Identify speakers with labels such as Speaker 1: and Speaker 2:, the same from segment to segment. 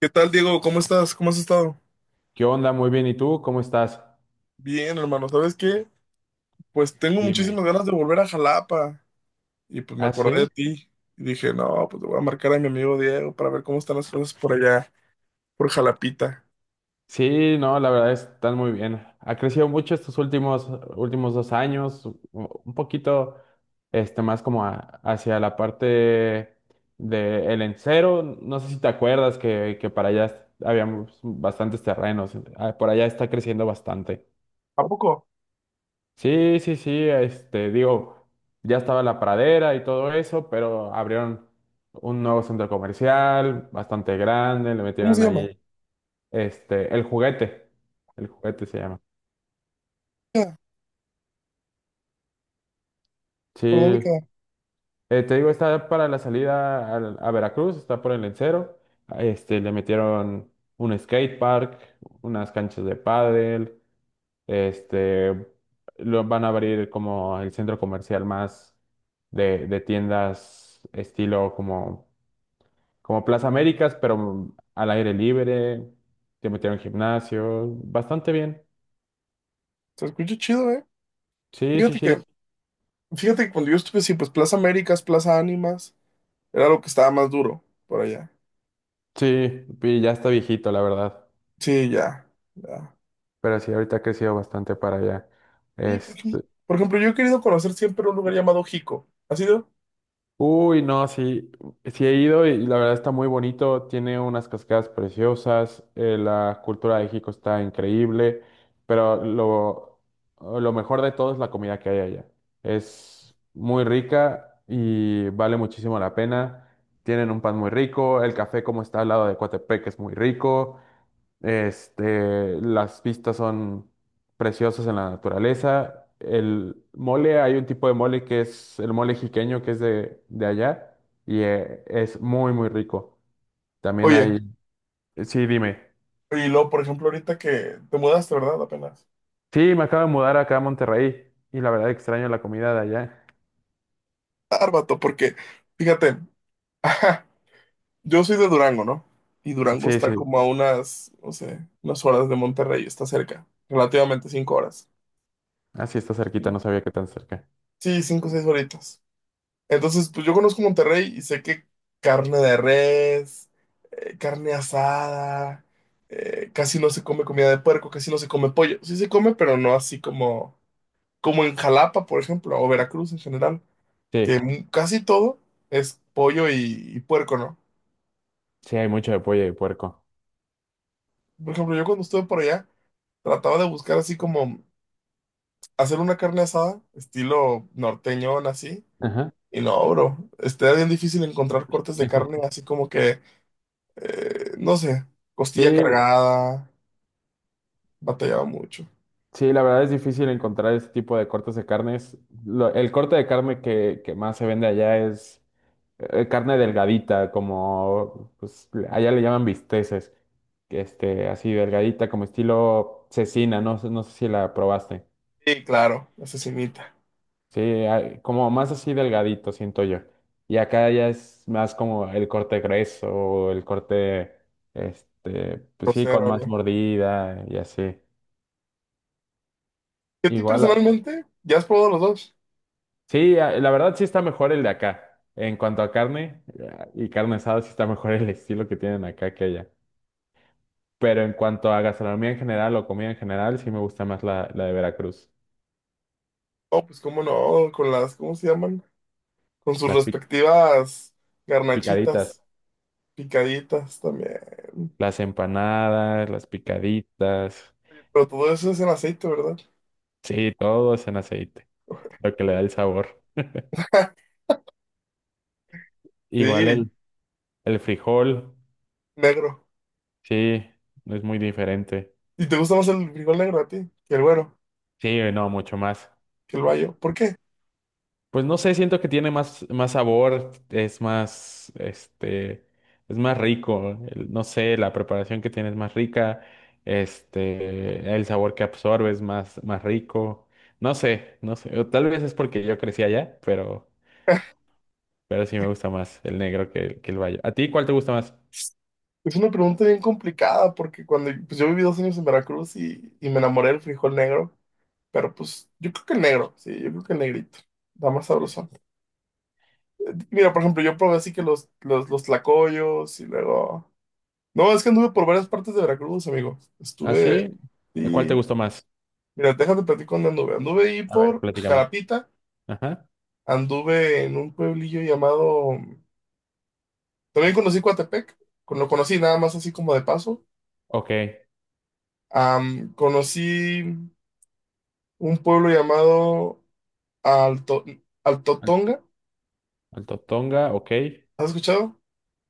Speaker 1: ¿Qué tal, Diego? ¿Cómo estás? ¿Cómo has estado?
Speaker 2: ¿Qué onda? Muy bien. ¿Y tú? ¿Cómo estás?
Speaker 1: Bien, hermano. ¿Sabes qué? Pues tengo
Speaker 2: Dime.
Speaker 1: muchísimas ganas de volver a Jalapa. Y pues me
Speaker 2: ¿Ah,
Speaker 1: acordé de
Speaker 2: sí?
Speaker 1: ti. Y dije, no, pues le voy a marcar a mi amigo Diego para ver cómo están las cosas por allá, por Jalapita.
Speaker 2: Sí, no, la verdad están muy bien. Ha crecido mucho estos últimos dos años, un poquito más como hacia la parte de el encero. No sé si te acuerdas que para allá habíamos bastantes terrenos. Ah, por allá está creciendo bastante.
Speaker 1: ¿A poco?
Speaker 2: Sí, sí, sí, digo, ya estaba la pradera y todo eso, pero abrieron un nuevo centro comercial, bastante grande, le
Speaker 1: ¿Cómo se
Speaker 2: metieron
Speaker 1: llama?
Speaker 2: ahí, este, el juguete, el juguete se llama.
Speaker 1: Ya.
Speaker 2: Sí,
Speaker 1: ¿Por dónde queda?
Speaker 2: te digo, está para la salida a Veracruz, está por el Lencero, le metieron un skate park, unas canchas de pádel, Este, lo van a abrir como el centro comercial más de tiendas estilo como, como Plaza Américas, pero al aire libre, te metieron gimnasio, bastante bien.
Speaker 1: Se escucha chido, ¿eh?
Speaker 2: Sí, sí,
Speaker 1: Fíjate
Speaker 2: sí,
Speaker 1: que, fíjate que cuando yo estuve así, pues Plaza Américas, Plaza Ánimas, era lo que estaba más duro por allá.
Speaker 2: sí, y ya está viejito, la verdad.
Speaker 1: Sí, ya, ya.
Speaker 2: Pero sí, ahorita ha crecido bastante para allá.
Speaker 1: Oye, por ejemplo, yo he querido conocer siempre un lugar llamado Jico. ¿Has ido?
Speaker 2: Uy, no, sí, sí he ido y la verdad está muy bonito, tiene unas cascadas preciosas, la cultura de México está increíble, pero lo mejor de todo es la comida que hay allá. Es muy rica y vale muchísimo la pena. Tienen un pan muy rico, el café como está al lado de Coatepec es muy rico, las vistas son preciosas en la naturaleza. El mole, hay un tipo de mole que es el mole jiqueño, que es de allá, y es muy, muy rico. También
Speaker 1: Oye,
Speaker 2: hay, sí, dime.
Speaker 1: y luego, por ejemplo, ahorita que te mudaste, ¿verdad? Apenas.
Speaker 2: Sí, me acabo de mudar acá a Monterrey, y la verdad extraño la comida de allá.
Speaker 1: Árbato porque, fíjate, ajá, yo soy de Durango, ¿no? Y Durango
Speaker 2: Sí,
Speaker 1: está
Speaker 2: sí,
Speaker 1: como a unas, no sé, unas horas de Monterrey, está cerca, relativamente 5 horas.
Speaker 2: así está cerquita, no
Speaker 1: Cinco.
Speaker 2: sabía que tan cerca.
Speaker 1: Sí, 5 o 6 horitas. Entonces, pues yo conozco Monterrey y sé que carne de res, carne asada, casi no se come comida de puerco, casi no se come pollo. Sí se come, pero no así como en Jalapa, por ejemplo, o Veracruz en general. Que
Speaker 2: Sí,
Speaker 1: casi todo es pollo y puerco, ¿no?
Speaker 2: sí, hay mucho de pollo y puerco.
Speaker 1: Por ejemplo, yo cuando estuve por allá, trataba de buscar así como hacer una carne asada, estilo norteñón, así.
Speaker 2: Ajá.
Speaker 1: Y no, bro, está bien difícil encontrar cortes de carne así como que, no sé,
Speaker 2: Sí,
Speaker 1: costilla cargada, batallaba mucho.
Speaker 2: sí, la verdad es difícil encontrar ese tipo de cortes de carnes. El corte de carne que más se vende allá es carne delgadita, como pues, allá le llaman bisteces, que así delgadita, como estilo cecina, no, no sé si la probaste.
Speaker 1: Sí, claro, asesinita,
Speaker 2: Sí, como más así delgadito, siento yo. Y acá ya es más como el corte grueso, o el corte, pues sí, con
Speaker 1: grosero,
Speaker 2: más
Speaker 1: ¿no?
Speaker 2: mordida y así.
Speaker 1: ¿Y a ti
Speaker 2: Igual.
Speaker 1: personalmente? ¿Ya has probado los dos?
Speaker 2: Sí, la verdad sí está mejor el de acá. En cuanto a carne y carne asada, sí está mejor el estilo que tienen acá que allá. Pero en cuanto a gastronomía en general o comida en general, sí me gusta más la de Veracruz.
Speaker 1: Oh, pues cómo no, con las, ¿cómo se llaman? Con sus
Speaker 2: Las pi-
Speaker 1: respectivas garnachitas.
Speaker 2: Picaditas,
Speaker 1: Picaditas también.
Speaker 2: las empanadas, las picaditas.
Speaker 1: Pero todo eso es en aceite, ¿verdad?
Speaker 2: Sí, todo es en aceite, lo que le da el sabor. Igual
Speaker 1: Sí,
Speaker 2: el frijol,
Speaker 1: negro.
Speaker 2: sí, es muy diferente.
Speaker 1: ¿Y te gusta más el frijol negro a ti que el güero,
Speaker 2: Sí, no, mucho más.
Speaker 1: que el bayo? ¿Por qué?
Speaker 2: Pues no sé, siento que tiene más, más sabor, es más, es más rico, no sé, la preparación que tiene es más rica, el sabor que absorbe es más, más rico, no sé, no sé, o tal vez es porque yo crecí allá, pero sí me gusta más el negro que, que el bayo. ¿A ti cuál te gusta más?
Speaker 1: Es una pregunta bien complicada porque cuando pues yo viví 2 años en Veracruz y me enamoré del frijol negro, pero pues yo creo que el negro, sí, yo creo que el negrito, da más
Speaker 2: Sí.
Speaker 1: sabroso. Mira, por ejemplo, yo probé así que los tlacoyos y luego. No, es que anduve por varias partes de Veracruz, amigo.
Speaker 2: ¿Ah, sí? ¿Cuál te
Speaker 1: Y...
Speaker 2: gustó más?
Speaker 1: Mira, déjate platicar dónde anduve. Anduve ahí
Speaker 2: A ver,
Speaker 1: por
Speaker 2: platícame.
Speaker 1: Jalapita.
Speaker 2: Ajá,
Speaker 1: Anduve en un pueblillo llamado. También conocí Coatepec, lo conocí nada más así como de paso.
Speaker 2: ok.
Speaker 1: Conocí un pueblo llamado Alto...
Speaker 2: Al-
Speaker 1: Altotonga,
Speaker 2: Alto Tonga, ok.
Speaker 1: ¿has escuchado?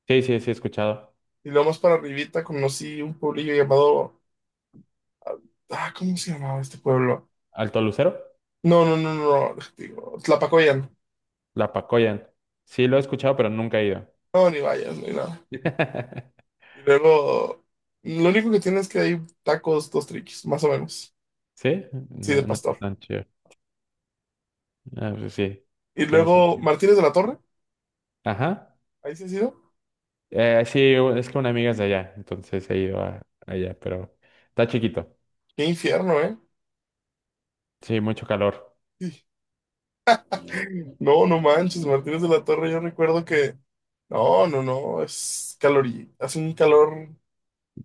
Speaker 2: Sí, sí, sí, he escuchado.
Speaker 1: Y luego más para arribita conocí un pueblillo llamado. Ah, ¿cómo se llamaba este pueblo?
Speaker 2: ¿Alto Lucero?
Speaker 1: No, no, no, no, no, digo, Tlapacoyan.
Speaker 2: La Pacoyan. Sí, lo he escuchado, pero nunca he ido.
Speaker 1: No, ni vayas, ni nada. Y luego, lo único que tiene es que hay tacos, dos triquis, más o menos.
Speaker 2: ¿Sí?
Speaker 1: Sí,
Speaker 2: No,
Speaker 1: de
Speaker 2: no
Speaker 1: pastor.
Speaker 2: es tan chido. Ah, pues sí,
Speaker 1: Y
Speaker 2: tiene
Speaker 1: luego,
Speaker 2: sentido.
Speaker 1: Martínez de la Torre,
Speaker 2: Ajá.
Speaker 1: ahí sí ha sido.
Speaker 2: Sí, es que una amiga es de allá, entonces he ido allá, pero está chiquito.
Speaker 1: Qué infierno, ¿eh?
Speaker 2: Sí, mucho calor.
Speaker 1: No, no manches, Martínez de la Torre, yo recuerdo que. No, no, no, es calorí, hace un calor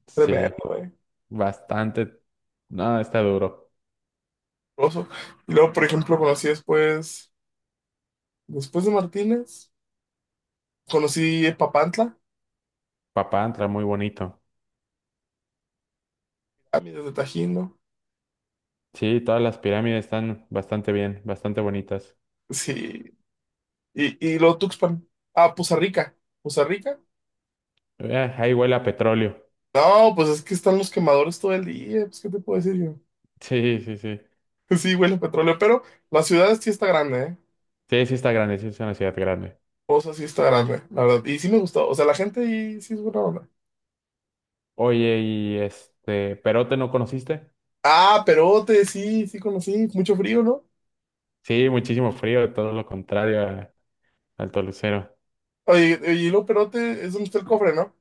Speaker 2: Sí,
Speaker 1: tremendo, ¿eh?
Speaker 2: bastante. No, está duro.
Speaker 1: Oso. Y luego, por ejemplo, conocí después de Martínez, conocí Papantla,
Speaker 2: Papá entra muy bonito.
Speaker 1: a de Tajín, ¿no?
Speaker 2: Sí, todas las pirámides están bastante bien, bastante bonitas.
Speaker 1: Sí, y luego Tuxpan. Ah, Poza Rica, Poza Rica.
Speaker 2: Ahí huele a petróleo.
Speaker 1: No, pues es que están los quemadores todo el día, pues, ¿qué te puedo decir yo?
Speaker 2: Sí, sí, sí.
Speaker 1: Sí, huele a petróleo, pero la ciudad sí está grande, ¿eh?
Speaker 2: Sí, sí está grande, sí es una ciudad grande.
Speaker 1: O sí está grande, la verdad. Y sí me gustó. O sea, la gente ahí sí es buena onda.
Speaker 2: Oye, y ¿Perote no conociste?
Speaker 1: Ah, Perote, sí, sí conocí. Mucho frío, ¿no?
Speaker 2: Sí, muchísimo frío, todo lo contrario al Tolucero.
Speaker 1: Oye, oye, y luego Perote es donde está el cofre, ¿no?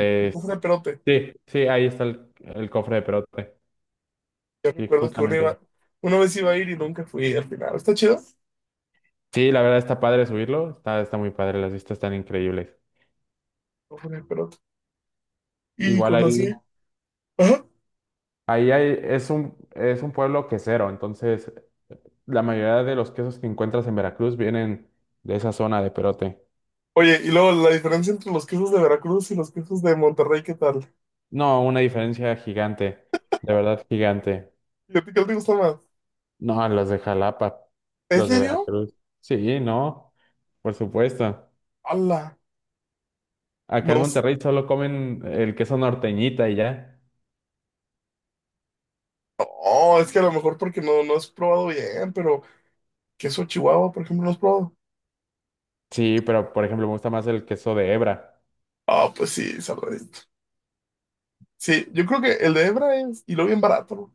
Speaker 1: El cofre
Speaker 2: s-
Speaker 1: de Perote.
Speaker 2: sí, sí, ahí está el cofre de Perote.
Speaker 1: Yo
Speaker 2: Sí,
Speaker 1: recuerdo que uno
Speaker 2: justamente ahí.
Speaker 1: iba, una vez iba a ir y nunca fui al final. ¿Está chido?
Speaker 2: Sí, la verdad está padre subirlo, está, está muy padre, las vistas están increíbles.
Speaker 1: Cofre de Perote. Y
Speaker 2: Igual
Speaker 1: conocí.
Speaker 2: ahí,
Speaker 1: Ajá.
Speaker 2: ahí hay, es un pueblo quesero, entonces la mayoría de los quesos que encuentras en Veracruz vienen de esa zona de Perote.
Speaker 1: Oye, y luego la diferencia entre los quesos de Veracruz y los quesos de Monterrey, ¿qué tal?
Speaker 2: No, una diferencia gigante, de verdad gigante.
Speaker 1: ¿Y a ti qué te gusta más?
Speaker 2: No, los de Jalapa,
Speaker 1: ¿En
Speaker 2: los de
Speaker 1: serio?
Speaker 2: Veracruz. Sí, no, por supuesto.
Speaker 1: ¡Hala!
Speaker 2: Acá
Speaker 1: No,
Speaker 2: en Monterrey solo comen el queso norteñita y ya.
Speaker 1: no, es que a lo mejor porque no has probado bien, pero queso Chihuahua, por ejemplo, no has probado.
Speaker 2: Sí, pero por ejemplo me gusta más el queso de hebra.
Speaker 1: Ah, pues sí, salvadito. Sí, yo creo que el de Hebra es, y lo bien barato, ¿no?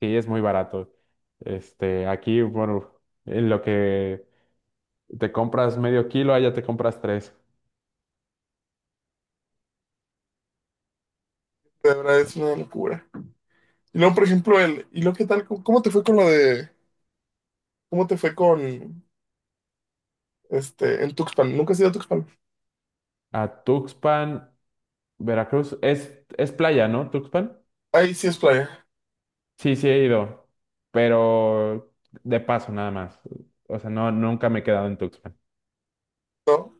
Speaker 2: Sí, es muy barato. Aquí, bueno, en lo que te compras medio kilo, allá te compras tres.
Speaker 1: El de Hebra es una locura. Y luego, por ejemplo, ¿y luego qué tal? ¿Cómo te fue con lo de, cómo te fue con, en Tuxpan? ¿Nunca has ido a Tuxpan?
Speaker 2: A Tuxpan, Veracruz, es playa, ¿no? Tuxpan.
Speaker 1: Ahí sí es playa,
Speaker 2: Sí, sí he ido, pero de paso nada más. O sea, no, nunca me he quedado en Tuxpan.
Speaker 1: ¿no?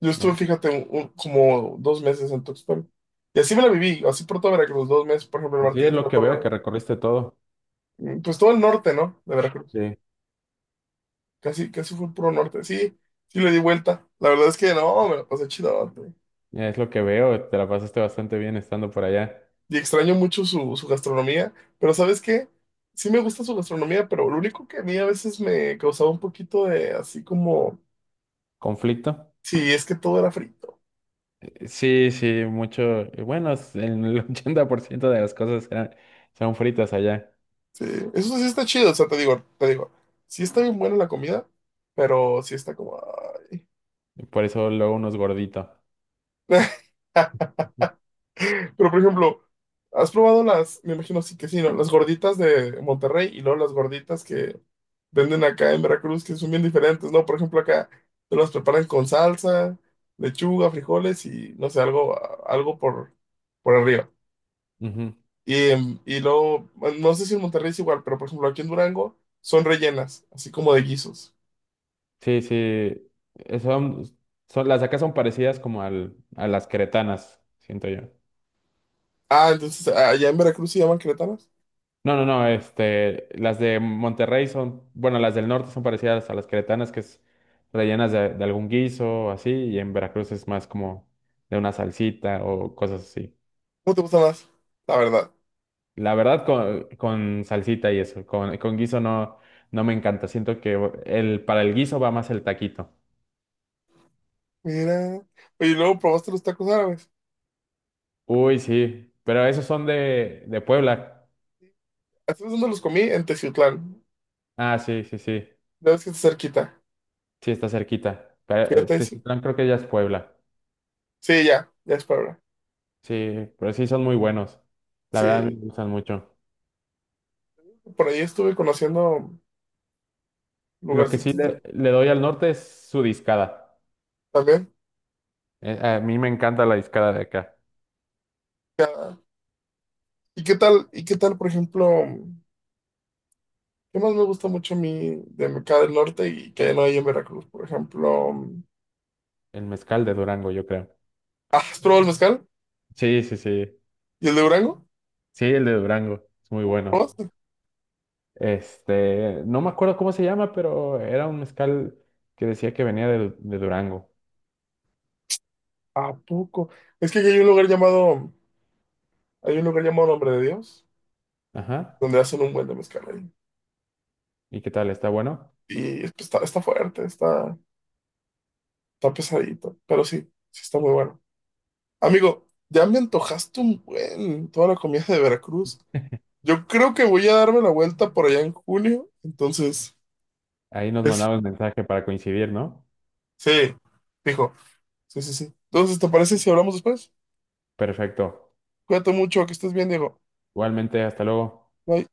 Speaker 1: Yo estuve,
Speaker 2: No.
Speaker 1: fíjate, como 2 meses en Tuxpan. Y así me la viví, así por toda Veracruz, 2 meses, por ejemplo, el
Speaker 2: Sí, es
Speaker 1: Martínez de
Speaker 2: lo
Speaker 1: la
Speaker 2: que veo,
Speaker 1: Torre,
Speaker 2: que recorriste todo.
Speaker 1: pues todo el norte, ¿no? De Veracruz.
Speaker 2: Sí.
Speaker 1: Casi, casi fue el puro norte. Sí, sí le di vuelta. La verdad es que no, me la pasé chido.
Speaker 2: Es lo que veo, te la pasaste bastante bien estando por allá.
Speaker 1: Y extraño mucho su gastronomía, pero ¿sabes qué? Sí me gusta su gastronomía, pero lo único que a mí a veces me causaba un poquito de así como,
Speaker 2: ¿Conflicto?
Speaker 1: sí, es que todo era frito.
Speaker 2: Sí, sí, mucho. Bueno, en el 80% de las cosas eran, son fritas allá.
Speaker 1: Sí, eso sí está chido, o sea, te digo, sí está bien buena la comida, pero sí está como, ay.
Speaker 2: Por eso luego uno es gordito.
Speaker 1: Pero, por ejemplo, ¿has probado las, me imagino sí que sí, ¿no? Las gorditas de Monterrey y luego las gorditas que venden acá en Veracruz, que son bien diferentes, ¿no? Por ejemplo, acá te las preparan con salsa, lechuga, frijoles y, no sé, algo por arriba.
Speaker 2: Ujú.
Speaker 1: Y luego, bueno, no sé si en Monterrey es igual, pero, por ejemplo, aquí en Durango son rellenas, así como de guisos.
Speaker 2: Sí, sí. eh, Son, son las de acá son parecidas como a las cretanas, siento yo.
Speaker 1: Ah, entonces, allá en Veracruz se llaman queretanas.
Speaker 2: No, no, no, las de Monterrey son, bueno, las del norte son parecidas a las queretanas, que es rellenas de algún guiso o así, y en Veracruz es más como de una salsita o cosas así.
Speaker 1: ¿Cómo te gusta más? La verdad.
Speaker 2: La verdad, con salsita y eso, con guiso no, no me encanta, siento que el, para el guiso va más el taquito.
Speaker 1: Mira. Oye, ¿y luego probaste los tacos árabes?
Speaker 2: Uy, sí, pero esos son de Puebla.
Speaker 1: ¿Hace dónde los comí? En Teciutlán.
Speaker 2: Ah, sí, sí, sí,
Speaker 1: Ya ves que está cerquita.
Speaker 2: sí, está cerquita. Pero,
Speaker 1: Fíjate, sí.
Speaker 2: Teciutlán creo que ya es Puebla.
Speaker 1: Sí, ya, ya es Puebla.
Speaker 2: Sí, pero sí son muy buenos. La verdad me
Speaker 1: Sí,
Speaker 2: gustan mucho.
Speaker 1: por ahí estuve conociendo
Speaker 2: Lo que sí
Speaker 1: lugarcitos
Speaker 2: le doy al norte es su discada.
Speaker 1: también.
Speaker 2: A mí me encanta la discada de acá.
Speaker 1: Ya. ¿Y qué tal? ¿Y qué tal, por ejemplo? ¿Qué más me gusta mucho a mí de acá del norte y que no hay en Veracruz? Por ejemplo,
Speaker 2: El mezcal de Durango, yo creo.
Speaker 1: ah, ¿has probado el mezcal?
Speaker 2: Sí, sí, sí.
Speaker 1: ¿Y el de Durango?
Speaker 2: Sí, el de Durango. Es muy bueno.
Speaker 1: ¿Probaste?
Speaker 2: No me acuerdo cómo se llama, pero era un mezcal que decía que venía de Durango.
Speaker 1: ¿A poco? Es que aquí hay un lugar llamado, hay un lugar llamado Nombre de Dios,
Speaker 2: Ajá.
Speaker 1: donde hacen un buen de mezcal ahí.
Speaker 2: ¿Y qué tal? ¿Está bueno?
Speaker 1: Y pues, está fuerte. Está pesadito, pero sí, sí está muy bueno. Amigo, ya me antojaste un buen toda la comida de Veracruz. Yo creo que voy a darme la vuelta por allá en junio, entonces,
Speaker 2: Ahí nos
Speaker 1: es,
Speaker 2: mandamos mensaje para coincidir, ¿no?
Speaker 1: sí, dijo, sí, sí, sí. Entonces, ¿te parece si hablamos después?
Speaker 2: Perfecto.
Speaker 1: Cuídate mucho, que estés bien, Diego.
Speaker 2: Igualmente, hasta luego.
Speaker 1: Bye.